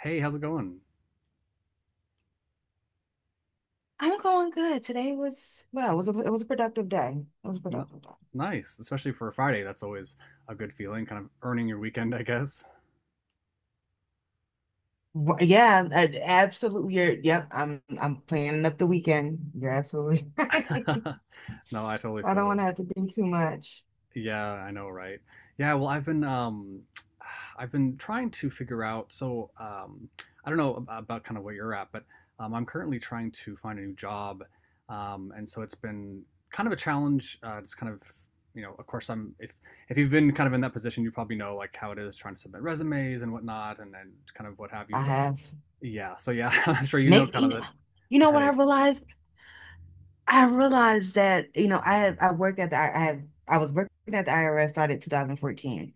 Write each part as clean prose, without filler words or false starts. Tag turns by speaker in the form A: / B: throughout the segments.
A: Hey, how's it going?
B: I'm going good. Today was it was a productive day. It was a
A: N-
B: productive day.
A: Nice, especially for a Friday. That's always a good feeling, kind of earning your weekend, I guess.
B: Yeah, absolutely. I'm planning up the weekend. You're absolutely right.
A: No, I totally
B: I
A: feel
B: don't want
A: you.
B: to have to do too much.
A: Yeah, I know, right? Yeah, well, I've been I've been trying to figure out I don't know about kind of where you're at, but I'm currently trying to find a new job. And so it's been kind of a challenge. It's kind of you know, of course I'm if you've been kind of in that position, you probably know like how it is trying to submit resumes and whatnot, and kind of what have
B: I
A: you.
B: have
A: Yeah. So yeah, I'm sure you know
B: make
A: kind
B: you
A: of
B: know, you
A: the
B: know what I
A: headache.
B: realized? I realized that you know I worked at the I have I was working at the IRS started 2014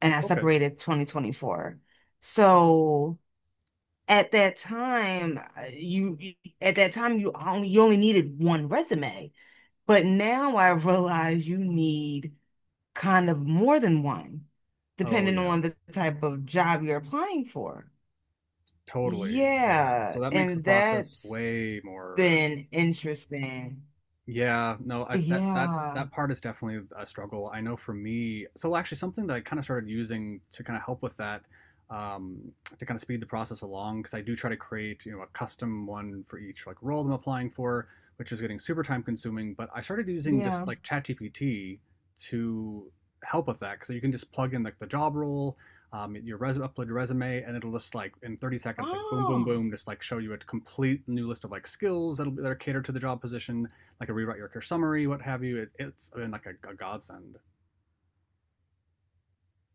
B: and I
A: Okay.
B: separated 2024. So at that time at that time you only needed one resume, but now I realize you need kind of more than one
A: Oh
B: depending
A: yeah,
B: on the type of job you're applying for.
A: totally. Yeah. So
B: Yeah,
A: that makes the
B: and
A: process
B: that's
A: way more.
B: been interesting.
A: Yeah, no, I, that that
B: Yeah.
A: that part is definitely a struggle. I know for me, so actually something that I kind of started using to kind of help with that, um, to kind of speed the process along, because I do try to create, you know, a custom one for each like role I'm applying for, which is getting super time consuming. But I started using
B: Yeah.
A: just like ChatGPT to help with that, so you can just plug in like the job role, your resume, upload your resume, and it'll just like in 30 seconds, like boom, boom,
B: Oh,
A: boom, just like show you a complete new list of like skills that'll be that are catered to the job position like a rewrite your summary, what have you. It's been like a godsend.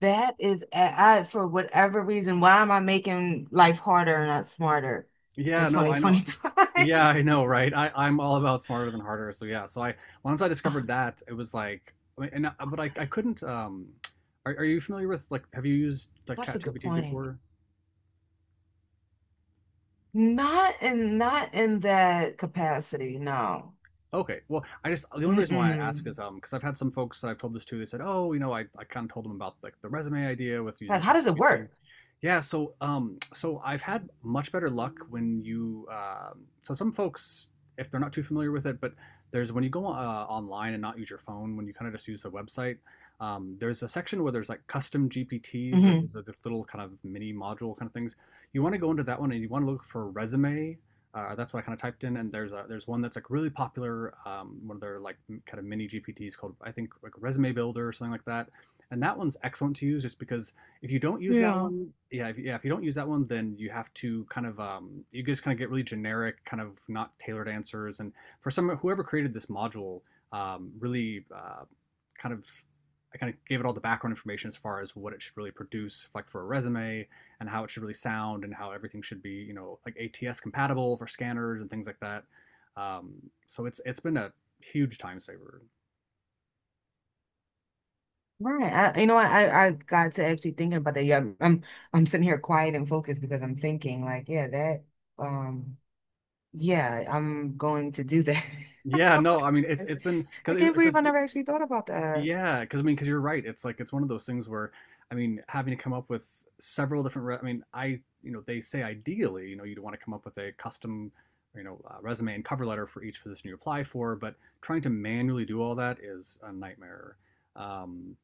B: that is, for whatever reason, why am I making life harder and not smarter in
A: Yeah, no, I know. Yeah, I
B: 2025?
A: know, right? I'm all about smarter than harder. So yeah, so I once I discovered that, it was like, I mean, but I couldn't. Are you familiar with like have you used like
B: That's a good
A: ChatGPT
B: point.
A: before?
B: Not in that capacity, no.
A: Okay. Well, I just the only reason why I ask
B: Mm-mm.
A: is because I've had some folks that I've told this to. They said, "Oh, you know, I kind of told them about like the resume idea with
B: Like,
A: using
B: how does it
A: ChatGPT."
B: work?
A: Yeah. So I've had much better luck when you so some folks if they're not too familiar with it, but there's when you go online and not use your phone, when you kind of just use the website. There's a section where there's like custom GPTs.
B: Hmm.
A: There's a this little kind of mini module kind of things. You want to go into that one and you want to look for resume, that's what I kind of typed in, and there's one that's like really popular, one of their like kind of mini GPTs called I think like Resume Builder or something like that, and that one's excellent to use just because if you don't use that
B: Yeah.
A: one, yeah, if you don't use that one, then you have to kind of you just kind of get really generic, kind of not tailored answers, and for some whoever created this module, really kind of I kind of gave it all the background information as far as what it should really produce, like for a resume, and how it should really sound and how everything should be, you know, like ATS compatible for scanners and things like that. Um, so it's been a huge time saver.
B: Right. You know what, I got to actually thinking about that. Yeah, I'm I'm sitting here quiet and focused because I'm thinking like, yeah, that, um yeah, I'm going to do that.
A: Yeah,
B: Oh,
A: no, I mean it's
B: gosh.
A: it's been
B: I
A: because
B: can't believe
A: because
B: I never actually thought about that.
A: yeah, because I mean because you're right. It's like it's one of those things where I mean having to come up with several different. I mean I you know they say ideally you know you'd want to come up with a custom you know resume and cover letter for each position you apply for, but trying to manually do all that is a nightmare. Um,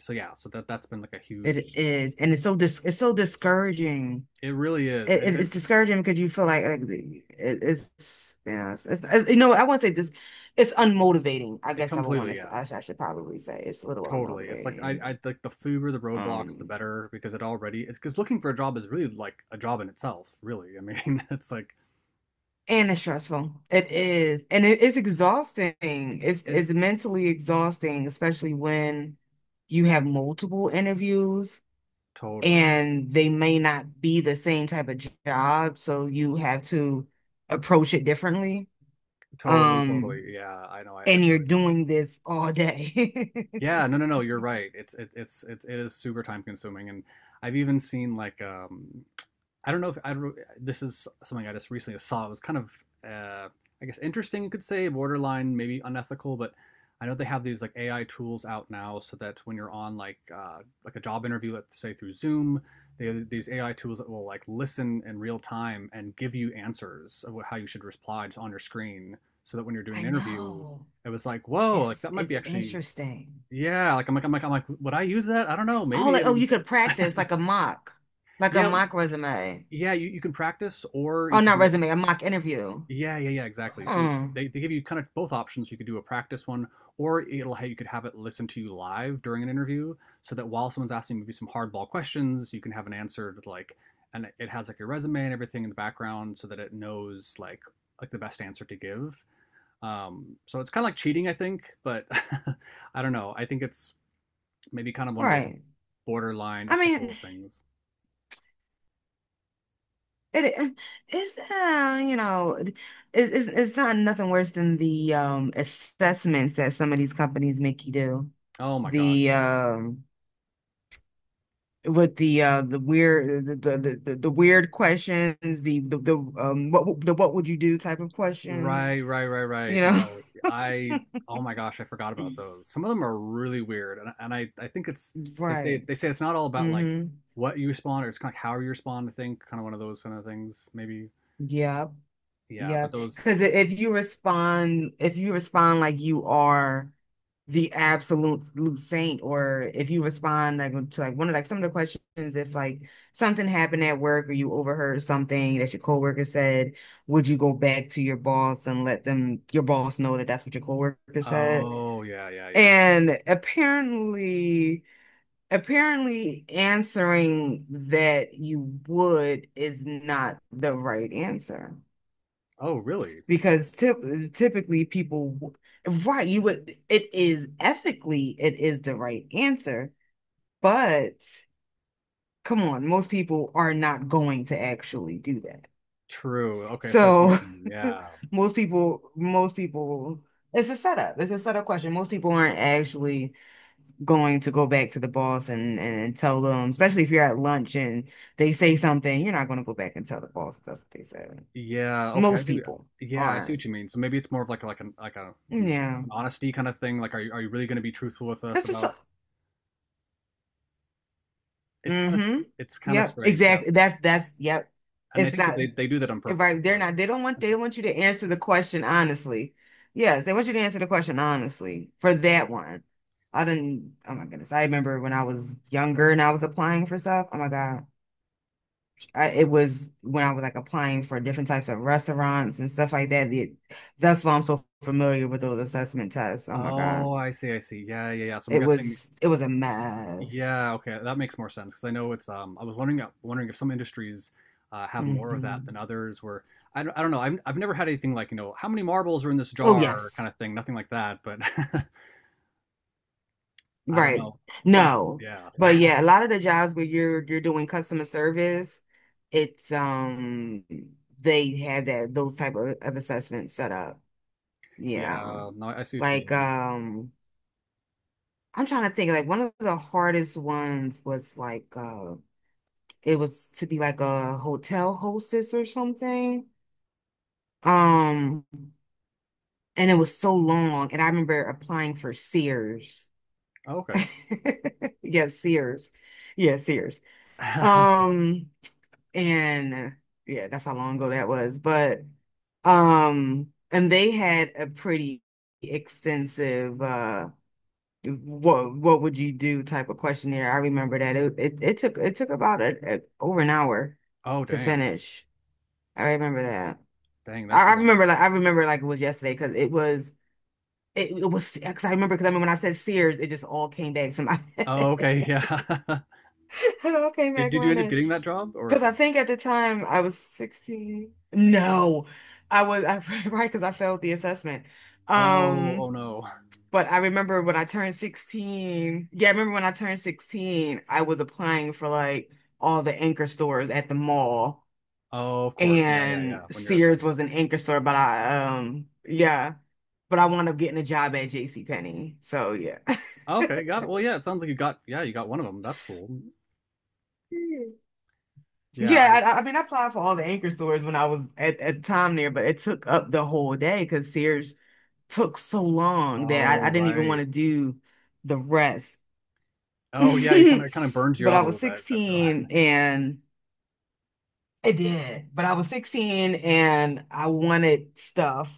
A: so yeah, so that that's been like a
B: It
A: huge.
B: is, and it's so dis it's so discouraging.
A: It really is,
B: it,
A: and,
B: it-
A: and
B: it's discouraging because you feel like it, it's yeah it's- you know, I won't say this, it's unmotivating, I
A: it
B: guess I would want
A: completely,
B: to say.
A: yeah,
B: I should probably say it's a little
A: totally. It's like
B: unmotivating.
A: I like the fewer the roadblocks, the
B: um
A: better because it already it's because looking for a job is really like a job in itself. Really, I mean, it's like
B: and it's stressful, it is, and it's exhausting,
A: it
B: it's mentally exhausting, especially when you have multiple interviews
A: totally,
B: and they may not be the same type of job, so you have to approach it differently.
A: totally,
B: um
A: totally. Yeah, I know. I
B: and you're
A: feel you.
B: doing this all day.
A: Yeah, no, no, no. You're right. It's it is super time consuming, and I've even seen like I don't know if I don't. This is something I just recently saw. It was kind of, I guess, interesting. You could say borderline, maybe unethical, but I know they have these like AI tools out now, so that when you're on like a job interview, let's say through Zoom, they have these AI tools that will like listen in real time and give you answers of how you should reply just on your screen, so that when you're doing
B: I
A: an interview,
B: know.
A: it was like, whoa, like that might be
B: It's
A: actually,
B: interesting.
A: yeah. Like, would I use that? I don't know.
B: Oh,
A: Maybe.
B: like,
A: I
B: oh,
A: mean,
B: you could practice like a
A: yeah,
B: mock resume.
A: yeah. You can practice, or
B: Oh,
A: you could
B: not
A: do it.
B: resume, a mock interview.
A: Yeah, yeah, yeah, exactly. So
B: Hmm.
A: they give you kind of both options. You could do a practice one, or it'll have, you could have it listen to you live during an interview, so that while someone's asking maybe some hardball questions, you can have an answer to like, and it has like your resume and everything in the background, so that it knows like the best answer to give. So it's kind of like cheating, I think, but I don't know. I think it's maybe kind of one of those
B: Right.
A: borderline
B: I mean,
A: ethical things.
B: it it's you know, it's not nothing worse than the assessments that some of these companies make you do.
A: Oh my gosh,
B: The
A: yeah.
B: with the weird weird questions, the what the what would you do type of questions,
A: Right, right, right, right.
B: you know.
A: No, I oh my gosh, I forgot about those. Some of them are really weird, and I think it's
B: Right.
A: they say it's not all about like
B: Mm-hmm.
A: what you spawn, or it's kind of how you spawn. I think kind of one of those kind of things, maybe.
B: Yep.
A: Yeah, but
B: Yep,
A: those.
B: because if you respond, if you respond like you are the absolute saint, or if you respond like to like one of like some of the questions, if like something happened at work or you overheard something that your coworker said, would you go back to your boss and let them your boss know that that's what your coworker said,
A: Oh yeah, yeah, yeah.
B: and apparently, apparently answering that you would is not the right answer,
A: Oh really?
B: because typically people, right, you would, it is ethically, it is the right answer, but come on, most people are not going to actually do that.
A: True. Okay, so I see
B: So
A: what you mean. Yeah,
B: most people, it's a setup. It's a setup question. Most people aren't actually going to go back to the boss and, and tell them, especially if you're at lunch and they say something, you're not going to go back and tell the boss that's what they said.
A: yeah. Okay, I
B: Most
A: see.
B: people
A: Yeah, I see
B: aren't.
A: what you mean. So maybe it's more of like a, like an like a hmm, like
B: Yeah.
A: an honesty kind of thing. Like, are you really going to be truthful with us
B: That's
A: about?
B: a,
A: It's kind of
B: mm-hmm.
A: it's kind of
B: Yep,
A: strange. Yeah.
B: exactly. That's yep.
A: And I
B: It's
A: think that
B: not
A: they do that on purpose,
B: right.
A: of
B: They're not.
A: course.
B: They don't want. They want you to answer the question honestly. Yes, they want you to answer the question honestly for that one. I didn't. Oh my goodness. I remember when I was younger and I was applying for stuff. Oh my God. It was when I was like applying for different types of restaurants and stuff like that. That's why I'm so familiar with those assessment tests. Oh my God.
A: Oh, I see, I see. Yeah, yeah, yeah. So I'm
B: It
A: guessing
B: was. It was a mess.
A: yeah, okay, that makes more sense because I know it's I was wondering wondering if some industries have more of that
B: Hmm.
A: than others where I don't know. I've never had anything like, you know, how many marbles are in this
B: Oh
A: jar
B: yes.
A: kind of thing, nothing like that, but I don't
B: Right.
A: know. Some
B: No.
A: yeah.
B: But yeah, a lot of the jobs where you're doing customer service, it's, they have that, those type of assessments set up. Yeah.
A: Yeah, no, I see what you
B: Like,
A: mean.
B: I'm trying to think, like, one of the hardest ones was like, it was to be like a hotel hostess or something. Um and it was so long, and I remember applying for Sears.
A: Oh, okay.
B: Yes, Sears. Yes, Sears. Um and yeah, that's how long ago that was. But and they had a pretty extensive what would you do type of questionnaire. I remember that it took, about over an hour
A: Oh,
B: to
A: dang.
B: finish. I remember that.
A: Dang, that's a long.
B: I remember like it was yesterday because it was. It was because I remember because I mean when I said Sears, it just all came back to my
A: Oh, okay,
B: it
A: yeah.
B: all came back
A: Did you end up
B: running.
A: getting that job or?
B: Because I think at the time I was 16. No, I was I, right, because I failed the assessment.
A: Oh,
B: Um,
A: oh no.
B: but I remember when I turned 16. Yeah, I remember when I turned 16, I was applying for like all the anchor stores at the mall,
A: Oh, of course. Yeah, yeah,
B: and
A: yeah. When you're at that
B: Sears was
A: age.
B: an anchor store, but I, yeah, but I wound up getting a job at JCPenney. So yeah.
A: Okay, got it. Well, yeah, it sounds like you got yeah, you got one of them. That's cool. Yeah, I
B: Yeah, I mean, I applied for all the anchor stores when I was at the time there, but it took up the whole day because Sears took so long that I
A: oh,
B: didn't even want
A: right.
B: to do the rest.
A: Oh, yeah, you kind of burns you
B: But I
A: out a
B: was
A: little bit, I feel.
B: 16 and it did. But I was 16 and I wanted stuff.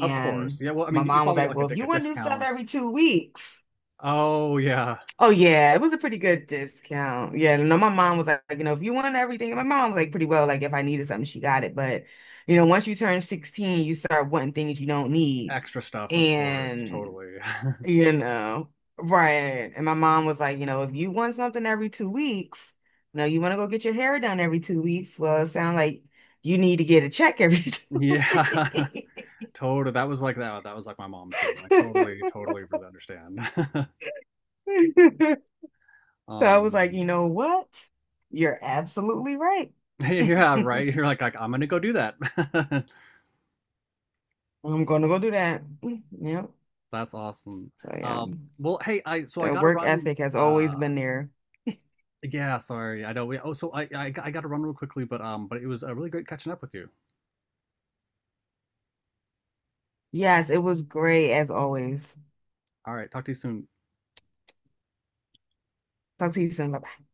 A: Of course. Yeah, well, I
B: my
A: mean, you
B: mom was
A: probably got
B: like,
A: like
B: well, if
A: like a
B: you want new stuff
A: discount.
B: every 2 weeks.
A: Oh, yeah.
B: Oh, yeah, it was a pretty good discount. Yeah, no, my mom was like, you know, if you want everything, and my mom was like, pretty well, like, if I needed something, she got it. But, you know, once you turn 16, you start wanting things you don't need.
A: Extra stuff, of course.
B: And,
A: Totally.
B: you know, right. And my mom was like, you know, if you want something every 2 weeks, you know, you want to go get your hair done every 2 weeks. Well, it sounds like you need to get a check every two
A: Yeah.
B: weeks.
A: Totally. That was like that. That was like my mom too. I totally, totally really understand.
B: So I was like,
A: Um,
B: you know what? You're absolutely right.
A: Yeah,
B: I'm
A: right. You're like, I'm gonna go do that.
B: gonna go do that. Yep.
A: That's awesome.
B: So yeah,
A: Um, well, hey, I so I
B: the
A: gotta
B: work
A: run.
B: ethic has always
A: Uh,
B: been there.
A: yeah, sorry. I know. Oh, I gotta run real quickly, but it was a really great catching up with you.
B: Yes, it was great as always.
A: All right, talk to you soon.
B: Talk to you soon. Bye.